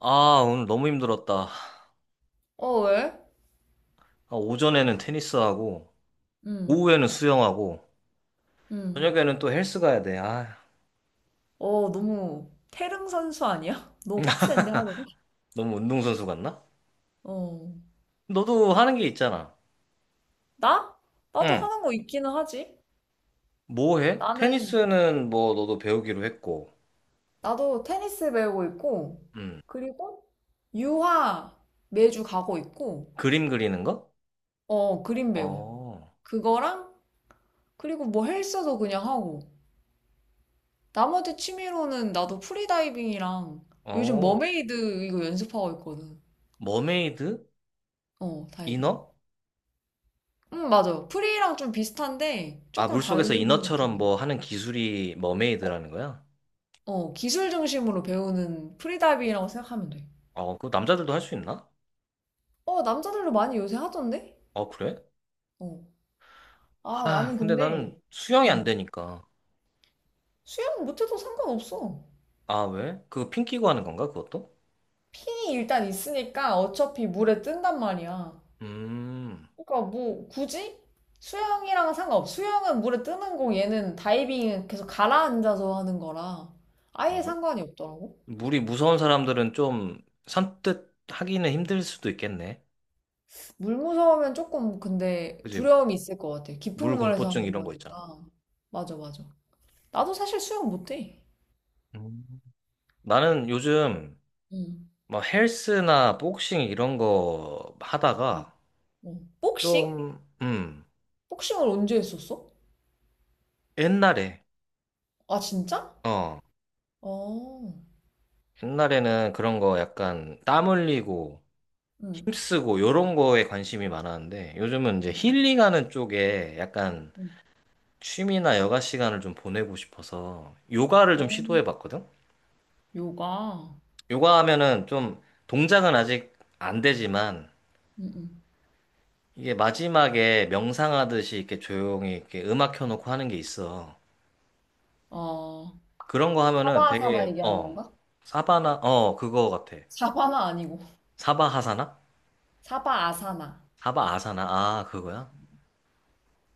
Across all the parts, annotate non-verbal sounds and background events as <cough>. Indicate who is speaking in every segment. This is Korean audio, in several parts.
Speaker 1: 아, 오늘 너무 힘들었다.
Speaker 2: 어, 왜?
Speaker 1: 아, 오전에는 테니스하고,
Speaker 2: 응.
Speaker 1: 오후에는 수영하고,
Speaker 2: 응.
Speaker 1: 저녁에는 또 헬스 가야 돼. 아,
Speaker 2: 어, 너무 태릉 선수 아니야? <laughs> 너무 빡센데 하루가?
Speaker 1: 너무 운동선수 같나?
Speaker 2: 어.
Speaker 1: 너도 하는 게 있잖아.
Speaker 2: 나? 나도
Speaker 1: 응.
Speaker 2: 하는 거 있기는 하지.
Speaker 1: 뭐 해?
Speaker 2: 나는,
Speaker 1: 테니스는 뭐 너도 배우기로 했고,
Speaker 2: 나도 테니스 배우고 있고,
Speaker 1: 응.
Speaker 2: 그리고 유화 매주 가고 있고,
Speaker 1: 그림 그리는 거?
Speaker 2: 어, 그림 배워.
Speaker 1: 어,
Speaker 2: 그거랑, 그리고 뭐 헬스도 그냥 하고. 나머지 취미로는 나도 프리다이빙이랑 요즘
Speaker 1: 어,
Speaker 2: 머메이드 이거 연습하고 있거든.
Speaker 1: 머메이드?
Speaker 2: 어, 다이빙.
Speaker 1: 이너?
Speaker 2: 맞아. 프리랑 좀 비슷한데
Speaker 1: 아,
Speaker 2: 조금 다른
Speaker 1: 물속에서 이너처럼
Speaker 2: 느낌이.
Speaker 1: 뭐 하는 기술이
Speaker 2: 어,
Speaker 1: 머메이드라는 거야?
Speaker 2: 어, 기술 중심으로 배우는 프리다이빙이라고 생각하면 돼.
Speaker 1: 어, 그거 남자들도 할 수 있나?
Speaker 2: 어, 남자들도 많이 요새 하던데?
Speaker 1: 어, 그래?
Speaker 2: 어. 아,
Speaker 1: 아,
Speaker 2: 나는
Speaker 1: 근데
Speaker 2: 근데
Speaker 1: 나는 수영이 안
Speaker 2: 음,
Speaker 1: 되니까.
Speaker 2: 수영 못해도 상관없어.
Speaker 1: 아, 왜? 그거 핀 끼고 하는 건가, 그것도?
Speaker 2: 핀이 일단 있으니까 어차피 물에 뜬단 말이야.
Speaker 1: 음,
Speaker 2: 그러니까 뭐 굳이 수영이랑은 상관없어. 수영은 물에 뜨는 거 얘는 다이빙은 계속 가라앉아서 하는 거라
Speaker 1: 아,
Speaker 2: 아예
Speaker 1: 그래?
Speaker 2: 상관이 없더라고.
Speaker 1: 물이 무서운 사람들은 좀 산뜻 하기는 힘들 수도 있겠네.
Speaker 2: 물 무서우면 조금 근데
Speaker 1: 그지?
Speaker 2: 두려움이 있을 것 같아.
Speaker 1: 물
Speaker 2: 깊은 물에서
Speaker 1: 공포증
Speaker 2: 하는
Speaker 1: 이런 거 있잖아.
Speaker 2: 거니까. 맞아, 맞아. 나도 사실 수영 못해.
Speaker 1: 음. 나는 요즘
Speaker 2: 응.
Speaker 1: 뭐 헬스나 복싱 이런 거
Speaker 2: 응.
Speaker 1: 하다가
Speaker 2: 어. 복싱?
Speaker 1: 좀,
Speaker 2: 복싱을 언제 했었어?
Speaker 1: 옛날에,
Speaker 2: 아, 진짜?
Speaker 1: 어,
Speaker 2: 어.
Speaker 1: 옛날에는 그런 거 약간 땀 흘리고
Speaker 2: 응.
Speaker 1: 힘쓰고 요런 거에 관심이 많았는데 요즘은 이제
Speaker 2: 응.
Speaker 1: 힐링하는 쪽에 약간
Speaker 2: 응.
Speaker 1: 취미나 여가 시간을 좀 보내고 싶어서 요가를 좀
Speaker 2: 어.
Speaker 1: 시도해 봤거든?
Speaker 2: 요가.
Speaker 1: 요가 하면은 좀 동작은 아직 안 되지만
Speaker 2: 응, 응.
Speaker 1: 이게 마지막에 명상하듯이 이렇게 조용히 이렇게 음악 켜놓고 하는 게 있어.
Speaker 2: 어.
Speaker 1: 그런 거 하면은
Speaker 2: 사바아사나
Speaker 1: 되게,
Speaker 2: 얘기하는
Speaker 1: 어,
Speaker 2: 건가?
Speaker 1: 사바나, 어, 그거 같아.
Speaker 2: 사바나 아니고.
Speaker 1: 사바하사나?
Speaker 2: 사바아사나.
Speaker 1: 사바아사나? 아, 그거야?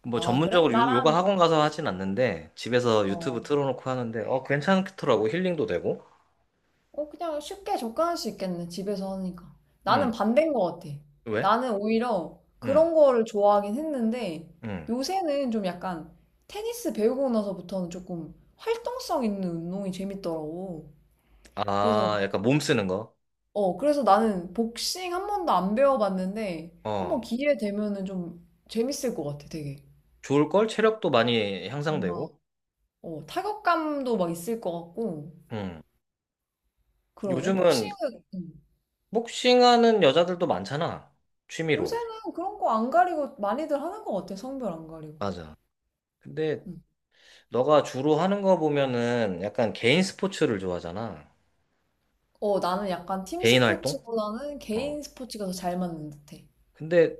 Speaker 1: 뭐
Speaker 2: 아, 그래?
Speaker 1: 전문적으로 요가
Speaker 2: 나랑,
Speaker 1: 학원 가서 하진 않는데 집에서 유튜브
Speaker 2: 어.
Speaker 1: 틀어놓고 하는데 어, 괜찮더라고. 힐링도 되고.
Speaker 2: 어, 그냥 쉽게 접근할 수 있겠네, 집에서 하니까.
Speaker 1: 음,
Speaker 2: 나는 반대인 것 같아.
Speaker 1: 왜?
Speaker 2: 나는 오히려
Speaker 1: 음,
Speaker 2: 그런 거를 좋아하긴 했는데,
Speaker 1: 음.
Speaker 2: 요새는 좀 약간 테니스 배우고 나서부터는 조금 활동성 있는 운동이 재밌더라고. 그래서,
Speaker 1: 아, 약간 몸 쓰는 거.
Speaker 2: 어, 그래서 나는 복싱 한 번도 안 배워봤는데, 한 번
Speaker 1: 어,
Speaker 2: 기회 되면은 좀 재밌을 것 같아, 되게.
Speaker 1: 좋을걸? 체력도 많이 향상되고.
Speaker 2: 뭔가, 어, 타격감도 막 있을 것 같고,
Speaker 1: 음.
Speaker 2: 그러네.
Speaker 1: 요즘은
Speaker 2: 복싱은,
Speaker 1: 복싱하는 여자들도 많잖아. 취미로.
Speaker 2: 요새는 그런 거 안 가리고 많이들 하는 것 같아, 성별 안 가리고.
Speaker 1: 맞아. 근데
Speaker 2: 음.
Speaker 1: 너가 주로 하는 거 보면은 약간 개인 스포츠를 좋아하잖아.
Speaker 2: 어, 나는 약간 팀
Speaker 1: 개인 활동?
Speaker 2: 스포츠보다는
Speaker 1: 어.
Speaker 2: 개인 스포츠가 더 잘 맞는 듯해.
Speaker 1: 근데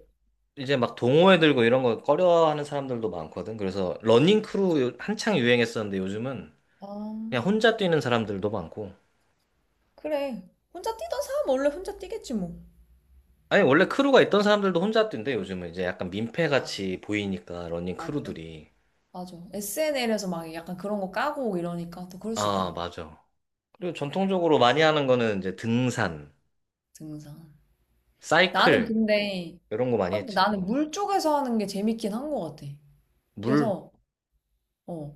Speaker 1: 이제 막 동호회 들고 이런 거 꺼려하는 사람들도 많거든. 그래서 러닝 크루 한창 유행했었는데 요즘은 그냥
Speaker 2: 아,
Speaker 1: 혼자 뛰는 사람들도 많고.
Speaker 2: 그래. 혼자 뛰던 사람 원래 혼자 뛰겠지 뭐.
Speaker 1: 아니, 원래 크루가 있던 사람들도 혼자 뛴대, 요즘은. 이제 약간
Speaker 2: 아,
Speaker 1: 민폐같이 보이니까, 러닝
Speaker 2: 아, 그래?
Speaker 1: 크루들이.
Speaker 2: 맞아. SNL에서 막 약간 그런 거 까고 이러니까 또 그럴 수
Speaker 1: 아,
Speaker 2: 있겠네.
Speaker 1: 맞아. 그리고 전통적으로 많이 하는 거는 이제 등산,
Speaker 2: 등산. 나는
Speaker 1: 사이클,
Speaker 2: 근데,
Speaker 1: 이런 거 많이
Speaker 2: 확
Speaker 1: 했지.
Speaker 2: 나는
Speaker 1: 어.
Speaker 2: 물 쪽에서 하는 게 재밌긴 한 것 같아.
Speaker 1: 물,
Speaker 2: 그래서, 어,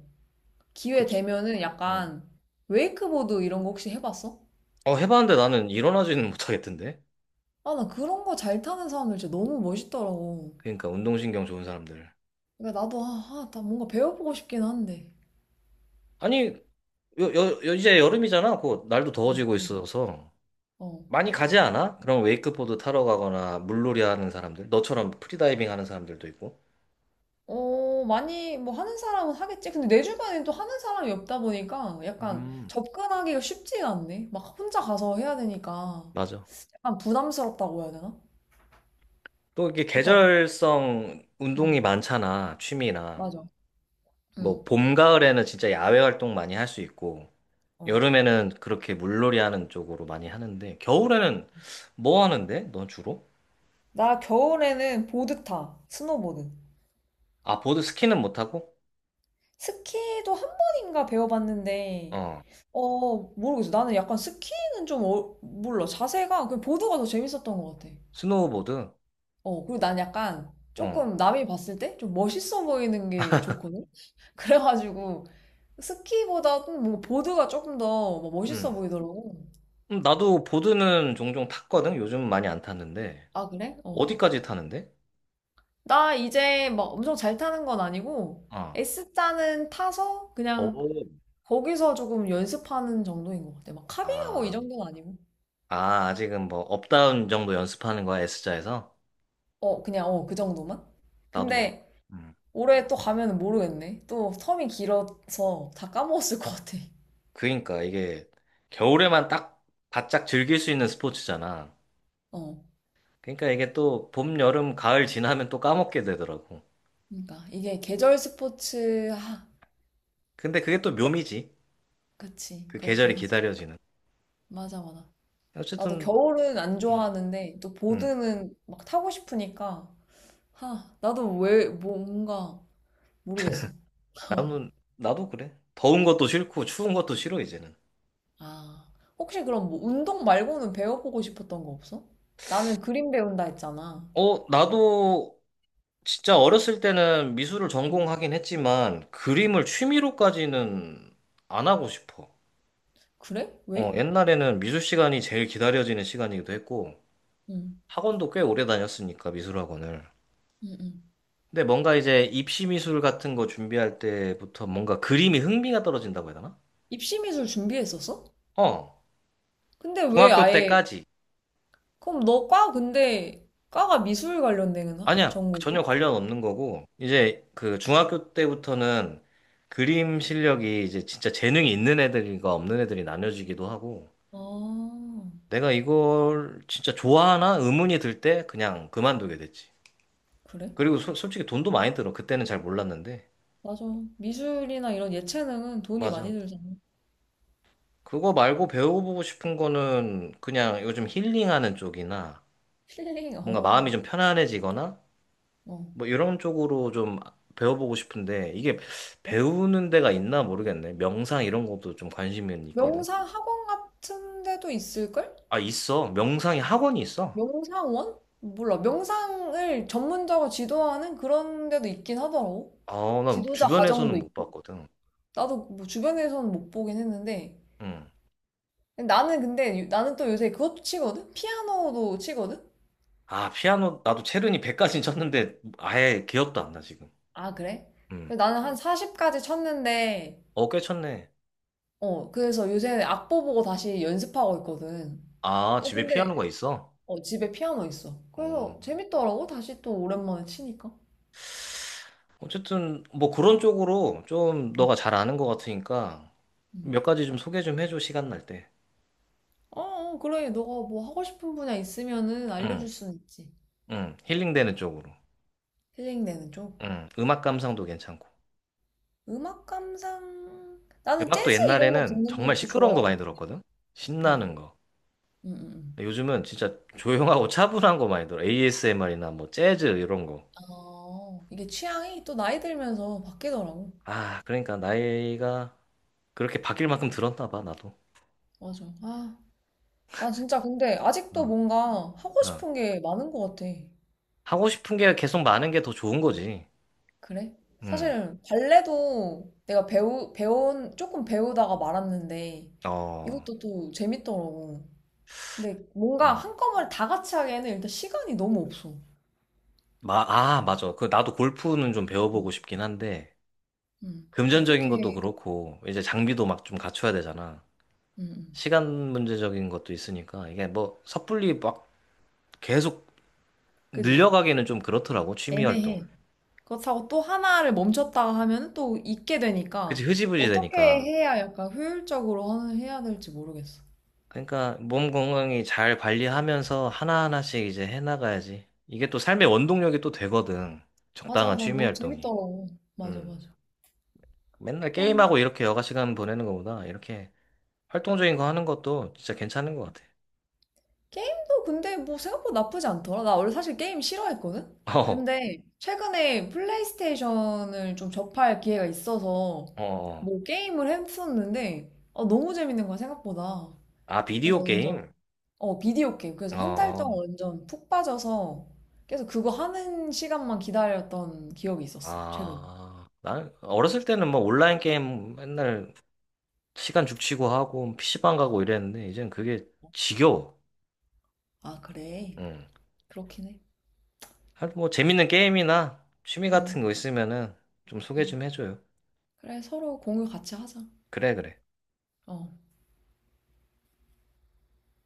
Speaker 2: 기회
Speaker 1: 그치.
Speaker 2: 되면은
Speaker 1: 응.
Speaker 2: 약간 웨이크보드 이런 거 혹시 해봤어?
Speaker 1: 어, 해봤는데 나는 일어나지는 못하겠던데?
Speaker 2: 아, 나 그런 거 잘 타는 사람들 진짜 너무 멋있더라고.
Speaker 1: 그러니까 운동신경 좋은 사람들.
Speaker 2: 그러니까 나도 아, 아, 나 뭔가 배워보고 싶긴 한데.
Speaker 1: 아니, 이제 여름이잖아. 곧 날도
Speaker 2: 응,
Speaker 1: 더워지고
Speaker 2: 응.
Speaker 1: 있어서.
Speaker 2: 어.
Speaker 1: 많이 가지 않아? 그럼 웨이크보드 타러 가거나 물놀이 하는 사람들, 너처럼 프리다이빙 하는 사람들도 있고.
Speaker 2: 어, 많이 뭐 하는 사람은 하겠지. 근데 내 주변에 또 하는 사람이 없다 보니까 약간
Speaker 1: 음,
Speaker 2: 접근하기가 쉽지가 않네. 막 혼자 가서 해야 되니까
Speaker 1: 맞아.
Speaker 2: 약간 부담스럽다고 해야 되나?
Speaker 1: 또 이게
Speaker 2: 그렇다고.
Speaker 1: 계절성
Speaker 2: 응,
Speaker 1: 운동이 많잖아, 취미나.
Speaker 2: 맞아.
Speaker 1: 뭐,
Speaker 2: 응.
Speaker 1: 봄, 가을에는 진짜 야외 활동 많이 할 수 있고,
Speaker 2: 어.
Speaker 1: 여름에는 그렇게 물놀이 하는 쪽으로 많이 하는데, 겨울에는 뭐 하는데? 넌 주로?
Speaker 2: 나 겨울에는 보드 타. 스노보드.
Speaker 1: 아, 보드 스키는 못하고?
Speaker 2: 스키도 한 번인가 배워봤는데
Speaker 1: 어,
Speaker 2: 어, 모르겠어. 나는 약간 스키는 좀 어, 몰라. 자세가 그 보드가 더 재밌었던 것 같아.
Speaker 1: 스노우보드?
Speaker 2: 어, 그리고 난 약간
Speaker 1: 어,
Speaker 2: 조금 남이 봤을 때 좀 멋있어 보이는 게 좋거든? <laughs> 그래가지고 스키보다 뭐 보드가 조금 더뭐 멋있어
Speaker 1: 음.
Speaker 2: 보이더라고.
Speaker 1: 나도 보드는 종종 탔거든? 요즘 많이 안 탔는데.
Speaker 2: 아, 그래? 어.
Speaker 1: 어디까지 타는데?
Speaker 2: 나 이제 막 엄청 잘 타는 건 아니고
Speaker 1: 어.
Speaker 2: S자는 타서 그냥
Speaker 1: 오.
Speaker 2: 거기서 조금 연습하는 정도인 것 같아. 막 카빙하고 이
Speaker 1: 아,
Speaker 2: 정도는 아니고.
Speaker 1: 아, 아직은 뭐, 업다운 정도 연습하는 거야, S자에서?
Speaker 2: 어, 그냥 어, 그 정도만?
Speaker 1: 나도.
Speaker 2: 근데
Speaker 1: 음.
Speaker 2: 올해 또 가면 모르겠네. 또 텀이 길어서 다 까먹었을 것 같아.
Speaker 1: 그러니까 이게 겨울에만 딱 바짝 즐길 수 있는 스포츠잖아.
Speaker 2: 어.
Speaker 1: 그러니까 이게 또 봄, 여름, 가을 지나면 또 까먹게 되더라고.
Speaker 2: 그러니까 이게 계절 스포츠 아,
Speaker 1: 근데 그게 또
Speaker 2: 그,
Speaker 1: 묘미지.
Speaker 2: 그치
Speaker 1: 그
Speaker 2: 그렇긴
Speaker 1: 계절이
Speaker 2: 하지.
Speaker 1: 기다려지는.
Speaker 2: 맞아, 맞아. 나도
Speaker 1: 어쨌든,
Speaker 2: 겨울은 안
Speaker 1: 음,
Speaker 2: 좋아하는데 또
Speaker 1: 음.
Speaker 2: 보드는 막 타고 싶으니까 하 나도 왜 뭐, 뭔가 모르겠어. <laughs>
Speaker 1: 나도 그래. 더운 것도 싫고 추운 것도 싫어, 이제는.
Speaker 2: 아, 혹시 그럼 뭐 운동 말고는 배워보고 싶었던 거 없어? 나는 그림 배운다 했잖아.
Speaker 1: 어, 나도 진짜 어렸을 때는 미술을
Speaker 2: 응.
Speaker 1: 전공하긴 했지만 그림을 취미로까지는 안 하고 싶어.
Speaker 2: 그래?
Speaker 1: 어,
Speaker 2: 왜?
Speaker 1: 옛날에는 미술 시간이 제일 기다려지는 시간이기도 했고,
Speaker 2: 응.
Speaker 1: 학원도 꽤 오래 다녔으니까 미술학원을.
Speaker 2: 응, 응.
Speaker 1: 근데 뭔가 이제 입시 미술 같은 거 준비할 때부터 뭔가 그림이 흥미가 떨어진다고 해야 되나?
Speaker 2: 입시미술 준비했었어?
Speaker 1: 어,
Speaker 2: 근데 왜
Speaker 1: 중학교
Speaker 2: 아예
Speaker 1: 때까지.
Speaker 2: 그럼 너과 근데 과가 미술 관련된
Speaker 1: 아니야,
Speaker 2: 전공이야?
Speaker 1: 전혀 관련 없는 거고, 이제 그 중학교 때부터는 그림 실력이 이제 진짜 재능이 있는 애들과 없는 애들이 나뉘어지기도 하고,
Speaker 2: 아,
Speaker 1: 내가 이걸 진짜 좋아하나 의문이 들 때 그냥 그만두게 됐지.
Speaker 2: 그래?
Speaker 1: 그리고 솔직히 돈도 많이 들어. 그때는 잘 몰랐는데.
Speaker 2: 맞아. 미술이나 이런 예체능은 돈이 많이
Speaker 1: 맞아.
Speaker 2: 들잖아. <laughs>
Speaker 1: 그거 말고 배워보고 싶은 거는 그냥 요즘 힐링하는 쪽이나
Speaker 2: 필링,
Speaker 1: 뭔가
Speaker 2: 어,
Speaker 1: 마음이 좀 편안해지거나
Speaker 2: 어.
Speaker 1: 뭐 이런 쪽으로 좀 배워보고 싶은데 이게 배우는 데가 있나 모르겠네. 명상 이런 것도 좀 관심이 있거든.
Speaker 2: 명상 학원 같은 데도 있을걸?
Speaker 1: 아, 있어. 명상이 학원이 있어.
Speaker 2: 명상원? 몰라. 명상을 전문적으로 지도하는 그런 데도 있긴 하더라고.
Speaker 1: 아, 난
Speaker 2: 지도자 과정도
Speaker 1: 주변에서는 못
Speaker 2: 있고.
Speaker 1: 봤거든.
Speaker 2: 나도 뭐 주변에서는 못 보긴 했는데.
Speaker 1: 응.
Speaker 2: 나는 근데, 나는 또 요새 그것도 치거든? 피아노도 치거든?
Speaker 1: 아, 피아노 나도 체르니 100까지 <laughs> 쳤는데 아예 기억도 안 나 지금.
Speaker 2: 아, 그래?
Speaker 1: 응.
Speaker 2: 나는 한 40까지 쳤는데,
Speaker 1: 어, 꽤 쳤네.
Speaker 2: 어, 그래서 요새 악보 보고 다시 연습하고 있거든.
Speaker 1: 아,
Speaker 2: 어,
Speaker 1: 집에
Speaker 2: 근데,
Speaker 1: 피아노가 있어?
Speaker 2: 어, 집에 피아노 있어.
Speaker 1: 어.
Speaker 2: 그래서 재밌더라고, 다시 또 오랜만에 치니까.
Speaker 1: 어쨌든 뭐 그런 쪽으로 좀
Speaker 2: 응,
Speaker 1: 너가 잘 아는 것 같으니까
Speaker 2: 응.
Speaker 1: 몇 가지 좀 소개 좀 해줘 시간 날 때.
Speaker 2: 어, 어, 그래. 너가 뭐 하고 싶은 분야 있으면은
Speaker 1: 응,
Speaker 2: 알려줄 수는 있지.
Speaker 1: 응, 힐링되는 쪽으로.
Speaker 2: 힐링되는 쪽.
Speaker 1: 응, 음악 감상도 괜찮고.
Speaker 2: 음악 감상. 나는
Speaker 1: 음악도
Speaker 2: 재즈 이런 거
Speaker 1: 옛날에는
Speaker 2: 듣는
Speaker 1: 정말
Speaker 2: 것도
Speaker 1: 시끄러운 거
Speaker 2: 좋아해.
Speaker 1: 많이 들었거든.
Speaker 2: 어,
Speaker 1: 신나는 거.
Speaker 2: 응, 응, 응.
Speaker 1: 근데 요즘은 진짜 조용하고 <laughs> 차분한 거 많이 들어. ASMR이나 뭐 재즈 이런 거.
Speaker 2: 아, 이게 취향이 또 나이 들면서 바뀌더라고.
Speaker 1: 아, 그러니까 나이가 그렇게 바뀔 만큼 들었나 봐 나도.
Speaker 2: 맞아. 아, 난 진짜 근데 아직도
Speaker 1: 어.
Speaker 2: 뭔가 하고
Speaker 1: 어.
Speaker 2: 싶은 게 많은 것 같아.
Speaker 1: 하고 싶은 게 계속 많은 게 더 좋은 거지.
Speaker 2: 그래?
Speaker 1: 응,
Speaker 2: 사실 발레도 내가 배우 배운 조금 배우다가 말았는데
Speaker 1: 어,
Speaker 2: 이것도 또 재밌더라고. 근데 뭔가
Speaker 1: 응.
Speaker 2: 한꺼번에 다 같이 하기에는 일단 시간이 너무 없어.
Speaker 1: 맞아. 그, 나도 골프는 좀
Speaker 2: 응.
Speaker 1: 배워보고 싶긴 한데,
Speaker 2: 응.
Speaker 1: 금전적인 것도
Speaker 2: 어떻게?
Speaker 1: 그렇고, 이제 장비도 막 좀 갖춰야 되잖아.
Speaker 2: 응. 응.
Speaker 1: 시간 문제적인 것도 있으니까, 이게 뭐, 섣불리 막 계속
Speaker 2: 그지?
Speaker 1: 늘려가기는 좀 그렇더라고, 취미 활동.
Speaker 2: 애매해. 그렇다고 또 하나를 멈췄다가 하면 또 잊게
Speaker 1: 그치,
Speaker 2: 되니까
Speaker 1: 흐지부지
Speaker 2: 어떻게
Speaker 1: 되니까.
Speaker 2: 해야 약간 효율적으로 해야 될지 모르겠어.
Speaker 1: 그러니까, 몸 건강히 잘 관리하면서 하나하나씩 이제 해나가야지. 이게 또 삶의 원동력이 또 되거든.
Speaker 2: 맞아,
Speaker 1: 적당한
Speaker 2: 난
Speaker 1: 취미
Speaker 2: 너무
Speaker 1: 활동이.
Speaker 2: 재밌더라고. 맞아,
Speaker 1: 음.
Speaker 2: 맞아.
Speaker 1: 맨날
Speaker 2: 그럼
Speaker 1: 게임하고 이렇게 여가 시간 보내는 것보다, 이렇게 활동적인 거 하는 것도 진짜 괜찮은 것 같아.
Speaker 2: 게임도 근데 뭐 생각보다 나쁘지 않더라. 나 원래 사실 게임 싫어했거든?
Speaker 1: 어,
Speaker 2: 근데 최근에 플레이스테이션을 좀 접할 기회가 있어서
Speaker 1: 어, 어.
Speaker 2: 뭐 게임을 했었는데 아, 너무 재밌는 거야, 생각보다.
Speaker 1: 아,
Speaker 2: 그래서
Speaker 1: 비디오
Speaker 2: 완전,
Speaker 1: 게임?
Speaker 2: 어, 비디오 게임. 그래서 한 달
Speaker 1: 어,
Speaker 2: 동안 완전 푹 빠져서 계속 그거 하는 시간만 기다렸던 기억이 있었어, 최근에.
Speaker 1: 아, 난 어렸을 때는 뭐 온라인 게임 맨날 시간 죽치고 하고 PC방 가고 이랬는데, 이젠 그게 지겨워.
Speaker 2: 아, 그래.
Speaker 1: 응.
Speaker 2: 그렇긴 해.
Speaker 1: 하여튼 뭐 재밌는 게임이나 취미 같은
Speaker 2: 음,
Speaker 1: 거 있으면은 좀 소개 좀
Speaker 2: 음.
Speaker 1: 해줘요.
Speaker 2: 그래, 서로 공유 같이 하자.
Speaker 1: 그래, 그래.
Speaker 2: 어.